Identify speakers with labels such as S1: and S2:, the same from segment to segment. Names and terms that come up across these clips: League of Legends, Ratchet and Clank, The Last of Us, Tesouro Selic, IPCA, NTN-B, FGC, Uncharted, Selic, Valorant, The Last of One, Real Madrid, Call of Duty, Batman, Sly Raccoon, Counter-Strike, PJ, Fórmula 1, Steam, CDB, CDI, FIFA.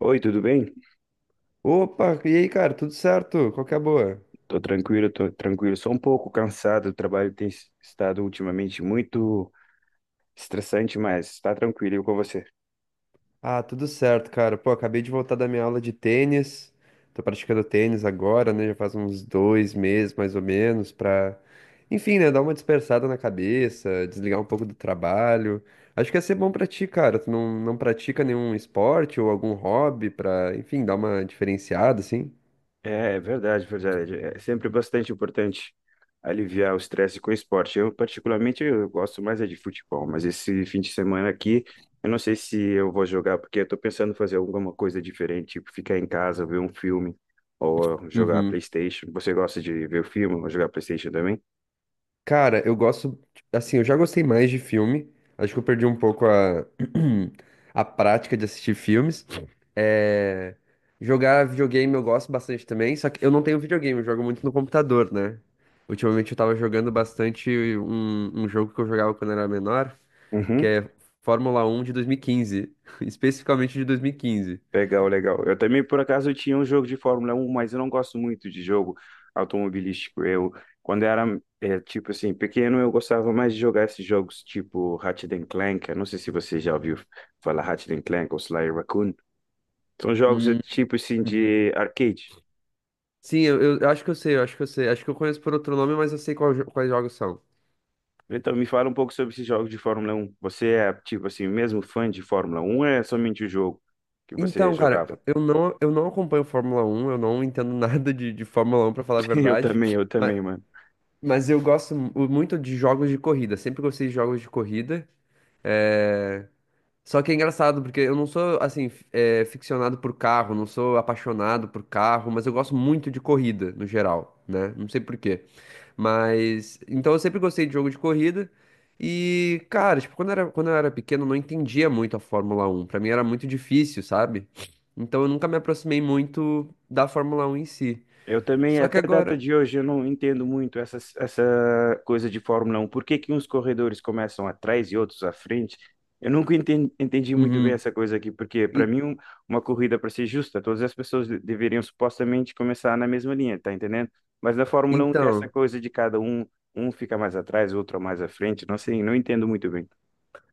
S1: Oi, tudo bem?
S2: Opa, e aí, cara, tudo certo? Qual que é a boa?
S1: Tô tranquilo, tô tranquilo. Só um pouco cansado. O trabalho tem estado ultimamente muito estressante, mas tá tranquilo e com você.
S2: Ah, tudo certo, cara. Pô, acabei de voltar da minha aula de tênis. Tô praticando tênis agora, né? Já faz uns dois meses, mais ou menos, pra, enfim, né? Dar uma dispersada na cabeça, desligar um pouco do trabalho. Acho que ia ser bom pra ti, cara. Tu não pratica nenhum esporte ou algum hobby pra, enfim, dar uma diferenciada, assim?
S1: É, verdade, verdade. É sempre bastante importante aliviar o estresse com esporte. Eu, particularmente, eu gosto mais é de futebol, mas esse fim de semana aqui, eu não sei se eu vou jogar, porque eu tô pensando em fazer alguma coisa diferente, tipo ficar em casa, ver um filme ou jogar
S2: Uhum.
S1: PlayStation. Você gosta de ver o filme ou jogar PlayStation também?
S2: Cara, eu gosto. Assim, eu já gostei mais de filme. Acho que eu perdi um pouco a, a prática de assistir filmes. É, jogar videogame eu gosto bastante também, só que eu não tenho videogame, eu jogo muito no computador, né? Ultimamente eu tava jogando bastante um jogo que eu jogava quando era menor, que
S1: Uhum.
S2: é Fórmula 1 de 2015, especificamente de 2015.
S1: Legal, legal. Eu também, por acaso, tinha um jogo de Fórmula um, mas eu não gosto muito de jogo automobilístico. Eu, quando era, tipo assim, pequeno, eu gostava mais de jogar esses jogos tipo Ratchet and Clank. Eu não sei se você já ouviu falar Ratchet and Clank ou Sly Raccoon. São jogos,
S2: Hum,
S1: tipo assim,
S2: uhum.
S1: de arcade.
S2: Sim, eu acho que eu sei, eu acho que eu sei. Acho que eu conheço por outro nome, mas eu sei quais jogos são.
S1: Então, me fala um pouco sobre esses jogos de Fórmula um. Você é, tipo assim, mesmo fã de Fórmula um ou é somente o jogo que você
S2: Então, cara,
S1: jogava?
S2: eu não acompanho Fórmula 1, eu não entendo nada de, de Fórmula 1, pra falar a
S1: Eu
S2: verdade.
S1: também, eu
S2: Mas,
S1: também,
S2: Mas eu gosto muito de jogos de corrida. Sempre gostei de jogos de corrida. É... Só que é engraçado, porque eu não sou, assim, ficcionado por carro, não sou apaixonado por carro, mas eu gosto muito de corrida, no geral, né? Não sei por quê. Mas. Então eu sempre gostei de jogo de corrida. E, cara, tipo, quando eu era pequeno, eu não entendia muito a Fórmula Um. Pra mim era muito difícil, sabe? Então eu nunca me aproximei muito da Fórmula Um em si.
S1: eu também,
S2: Só que
S1: até a data
S2: agora.
S1: de hoje, eu não entendo muito essa coisa de Fórmula Um. Por que que uns corredores começam atrás e outros à frente? Eu nunca entendi, muito bem
S2: Uhum.
S1: essa coisa aqui, porque para
S2: E-
S1: mim uma corrida, para ser justa, todas as pessoas deveriam supostamente começar na mesma linha, tá entendendo? Mas na Fórmula Um tem essa
S2: Então.
S1: coisa de cada um, um fica mais atrás, outro mais à frente, não sei, não entendo muito bem.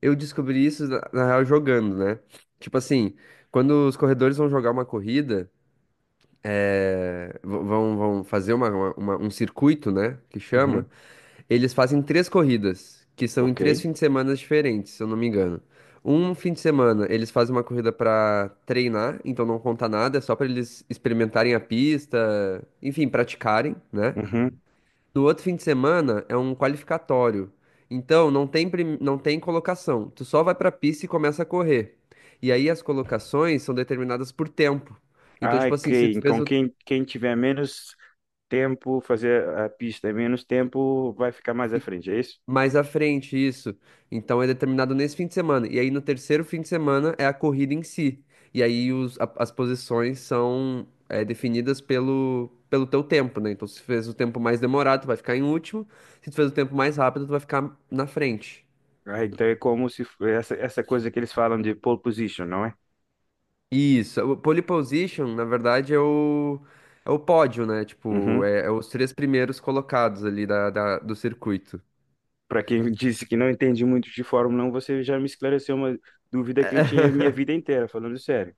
S2: Eu descobri isso, na real, jogando, né? Tipo assim, quando os corredores vão jogar uma corrida, vão fazer um circuito, né? Que chama,
S1: Uhum,
S2: eles fazem três corridas, que são em
S1: ok.
S2: três fins de semana diferentes, se eu não me engano. Um fim de semana, eles fazem uma corrida pra treinar, então não conta nada, é só pra eles experimentarem a pista, enfim, praticarem, né?
S1: Uhum.
S2: No outro fim de semana é um qualificatório. Então não tem, não tem colocação. Tu só vai pra pista e começa a correr. E aí as colocações são determinadas por tempo. Então,
S1: Ah,
S2: tipo assim, se
S1: ok.
S2: tu fez
S1: Então
S2: o...
S1: quem, quem tiver menos tempo, fazer a pista em menos tempo, vai ficar mais à
S2: fi-
S1: frente, é isso?
S2: Mais à frente isso, então é determinado nesse fim de semana. E aí no terceiro fim de semana é a corrida em si. E aí as posições são definidas pelo teu tempo, né? Então, se tu fez o tempo mais demorado, tu vai ficar em último. Se tu fez o tempo mais rápido, tu vai ficar na frente.
S1: Ah, então é como se essa, essa coisa que eles falam de pole position, não é?
S2: Isso, o pole position, na verdade, é o pódio, né? Tipo,
S1: Uhum.
S2: é os três primeiros colocados ali da do circuito.
S1: Para quem disse que não entende muito de Fórmula um, você já me esclareceu uma dúvida que eu tinha minha vida inteira, falando sério.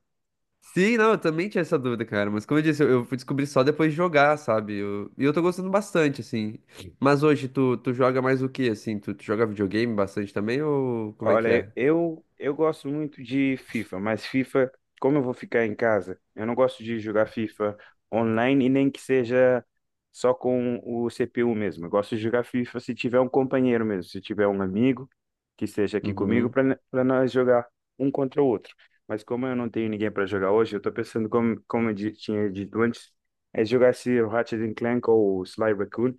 S2: Sim, não, eu também tinha essa dúvida, cara. Mas como eu disse, eu fui descobrir só depois de jogar, sabe? E eu tô gostando bastante, assim. Mas hoje, tu joga mais o quê, assim? Tu joga videogame bastante também ou como é que
S1: Olha,
S2: é?
S1: eu gosto muito de FIFA, mas FIFA, como eu vou ficar em casa, eu não gosto de jogar FIFA online e nem que seja só com o CPU mesmo. Eu gosto de jogar FIFA se tiver um companheiro mesmo, se tiver um amigo que esteja aqui comigo
S2: Uhum,
S1: para nós jogar um contra o outro. Mas como eu não tenho ninguém para jogar hoje, eu estou pensando, como eu tinha dito antes, é jogar esse Ratchet and Clank ou Sly Raccoon,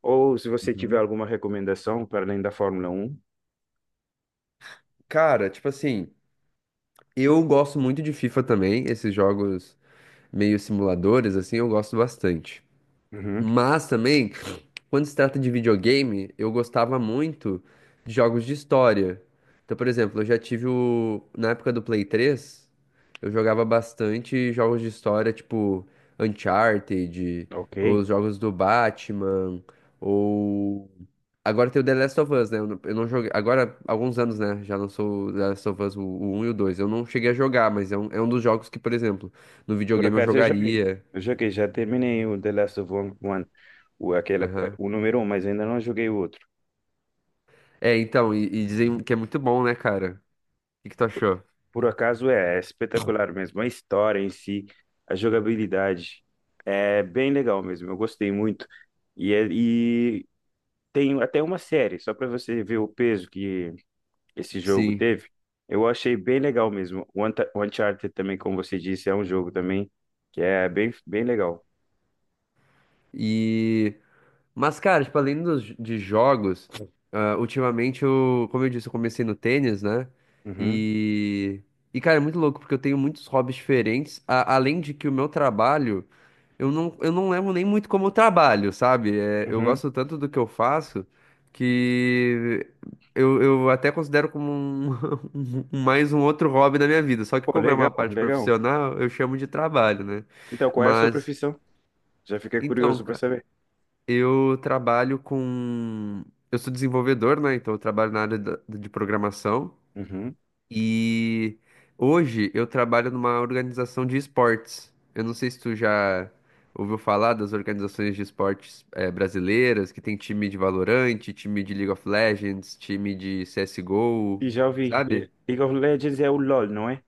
S1: ou se você tiver
S2: uhum.
S1: alguma recomendação para além da Fórmula Um.
S2: Cara, tipo assim, eu gosto muito de FIFA também, esses jogos meio simuladores, assim, eu gosto bastante.
S1: Uhum,
S2: Mas também, quando se trata de videogame, eu gostava muito de jogos de história. Então, por exemplo, eu já tive o... Na época do Play 3, eu jogava bastante jogos de história, tipo Uncharted, ou
S1: ok.
S2: os jogos do Batman, ou... Agora tem o The Last of Us, né? Eu não joguei... Agora, há alguns anos, né? Já lançou o The Last of Us, o 1 e o 2. Eu não cheguei a jogar, mas é um dos jogos que, por exemplo, no
S1: Por
S2: videogame eu
S1: acaso eu joguei.
S2: jogaria.
S1: Eu joguei, já terminei o The Last of One, o, aquele,
S2: Aham.
S1: o número um, mas ainda não joguei o outro.
S2: É, então, e dizem que é muito bom, né, cara? O que que tu achou?
S1: Por acaso é, é espetacular mesmo. A história em si, a jogabilidade, é bem legal mesmo. Eu gostei muito. E tem até uma série, só para você ver o peso que esse jogo
S2: Sim.
S1: teve. Eu achei bem legal mesmo. O o Uncharted também, como você disse, é um jogo também que é bem, bem legal.
S2: E. Mas, cara, tipo, além dos, de jogos, ultimamente eu, como eu disse, eu comecei no tênis, né?
S1: Uhum,
S2: E. E, cara, é muito louco, porque eu tenho muitos hobbies diferentes. Além de que o meu trabalho, eu não levo nem muito como trabalho, sabe? É, eu
S1: uhum.
S2: gosto tanto do que eu faço que eu até considero como um, mais um outro hobby da minha vida. Só que
S1: Pô,
S2: como é
S1: legal,
S2: uma parte
S1: legal.
S2: profissional, eu chamo de trabalho, né?
S1: Então, qual é a sua
S2: Mas.
S1: profissão? Já fiquei
S2: Então,
S1: curioso para
S2: cara,
S1: saber.
S2: eu trabalho com. Eu sou desenvolvedor, né? Então eu trabalho na área de programação.
S1: Uhum.
S2: E hoje eu trabalho numa organização de esportes. Eu não sei se tu já ouviu falar das organizações de esportes brasileiras, que tem time de Valorant, time de League of Legends, time de CSGO,
S1: E já ouvi.
S2: sabe?
S1: League of Legends é o LoL, não é?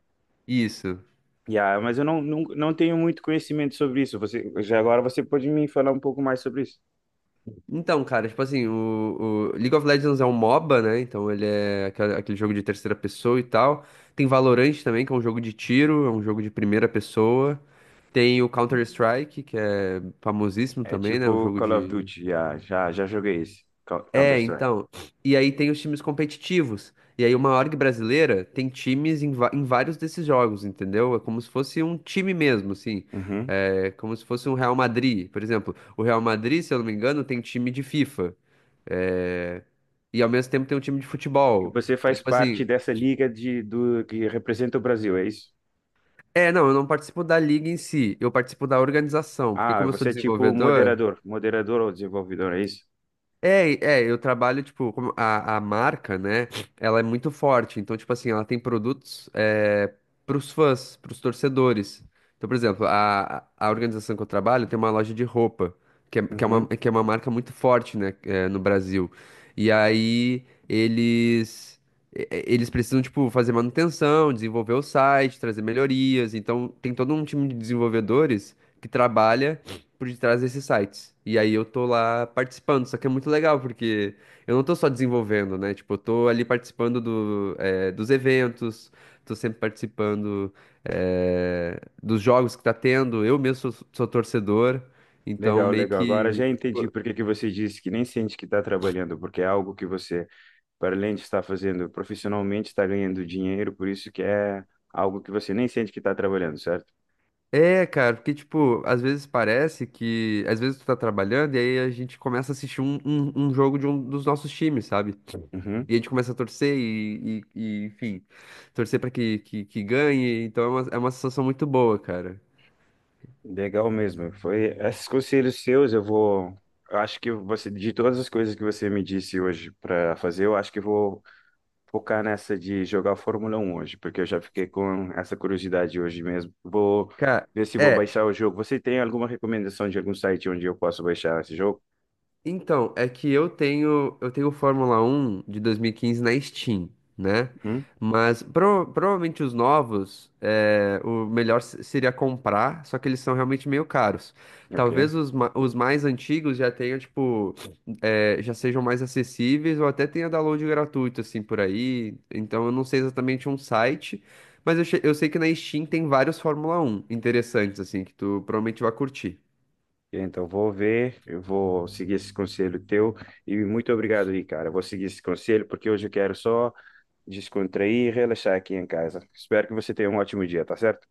S2: Isso.
S1: Yeah, mas eu não, não tenho muito conhecimento sobre isso. Você, já agora você pode me falar um pouco mais sobre isso.
S2: Então, cara, tipo assim, o League of Legends é um MOBA, né? Então ele é aquele jogo de terceira pessoa e tal. Tem Valorant também, que é um jogo de tiro, é um jogo de primeira pessoa. Tem o Counter-Strike, que é famosíssimo
S1: É
S2: também, né? Um
S1: tipo
S2: jogo
S1: Call of
S2: de.
S1: Duty, já, já joguei esse,
S2: É,
S1: Counter-Strike.
S2: então. E aí tem os times competitivos. E aí uma org brasileira tem times em, em vários desses jogos, entendeu? É como se fosse um time mesmo, assim.
S1: Uhum.
S2: É como se fosse um Real Madrid, por exemplo. O Real Madrid, se eu não me engano, tem time de FIFA. É, e ao mesmo tempo tem um time de
S1: E
S2: futebol.
S1: você
S2: Então,
S1: faz
S2: tipo assim,
S1: parte dessa liga de, do, que representa o Brasil, é isso?
S2: não, eu não participo da liga em si, eu participo da organização, porque
S1: Ah,
S2: como eu sou
S1: você é tipo
S2: desenvolvedor,
S1: moderador, moderador ou desenvolvedor, é isso?
S2: É, eu trabalho, tipo, como a marca, né? Ela é muito forte. Então, tipo assim, ela tem produtos pros fãs, pros torcedores. Então, por exemplo, a organização que eu trabalho tem uma loja de roupa, que é, que é uma,
S1: Uhum.
S2: que é uma marca muito forte, né, no Brasil. E aí eles, eles precisam, tipo, fazer manutenção, desenvolver o site, trazer melhorias. Então, tem todo um time de desenvolvedores que trabalha por detrás desses sites. E aí eu tô lá participando, só que é muito legal, porque eu não tô só desenvolvendo, né? Tipo, eu tô ali participando do, dos eventos, tô sempre participando, dos jogos que tá tendo. Eu mesmo sou torcedor, então
S1: Legal,
S2: meio
S1: legal. Agora
S2: que.
S1: já entendi por que que você disse que nem sente que está trabalhando, porque é algo que você, para além de estar fazendo profissionalmente, está ganhando dinheiro, por isso que é algo que você nem sente que está trabalhando, certo?
S2: É, cara, porque, tipo, às vezes parece que. Às vezes tu tá trabalhando e aí a gente começa a assistir um jogo de um dos nossos times, sabe?
S1: Uhum.
S2: E a gente começa a torcer e, enfim, torcer pra que ganhe. Então é uma sensação muito boa, cara.
S1: Legal mesmo. Foi esses conselhos seus, eu vou. Eu acho que você, de todas as coisas que você me disse hoje para fazer, eu acho que vou focar nessa de jogar Fórmula 1 hoje, porque eu já fiquei com essa curiosidade hoje mesmo. Vou
S2: Cara,
S1: ver se vou
S2: é,
S1: baixar o jogo. Você tem alguma recomendação de algum site onde eu posso baixar esse jogo?
S2: então, é que eu tenho o Fórmula 1 de 2015 na Steam, né?
S1: Uhum.
S2: Mas provavelmente os novos, o melhor seria comprar, só que eles são realmente meio caros. Talvez
S1: Ok.
S2: os, os mais antigos já tenham, tipo, já sejam mais acessíveis ou até tenha download gratuito, assim, por aí. Então eu não sei exatamente um site, mas eu sei que na Steam tem vários Fórmula 1 interessantes, assim, que tu provavelmente vai curtir.
S1: Então, vou ver, eu vou seguir esse conselho teu e muito obrigado aí, cara. Vou seguir esse conselho porque hoje eu quero só descontrair e relaxar aqui em casa. Espero que você tenha um ótimo dia, tá certo?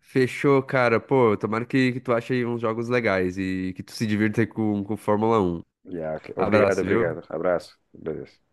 S2: Fechou, cara. Pô, tomara que tu ache aí uns jogos legais e que tu se divirta aí com Fórmula Um.
S1: Yeah, ok. Obrigado,
S2: Abraço, viu?
S1: obrigado. Abraço. Beleza.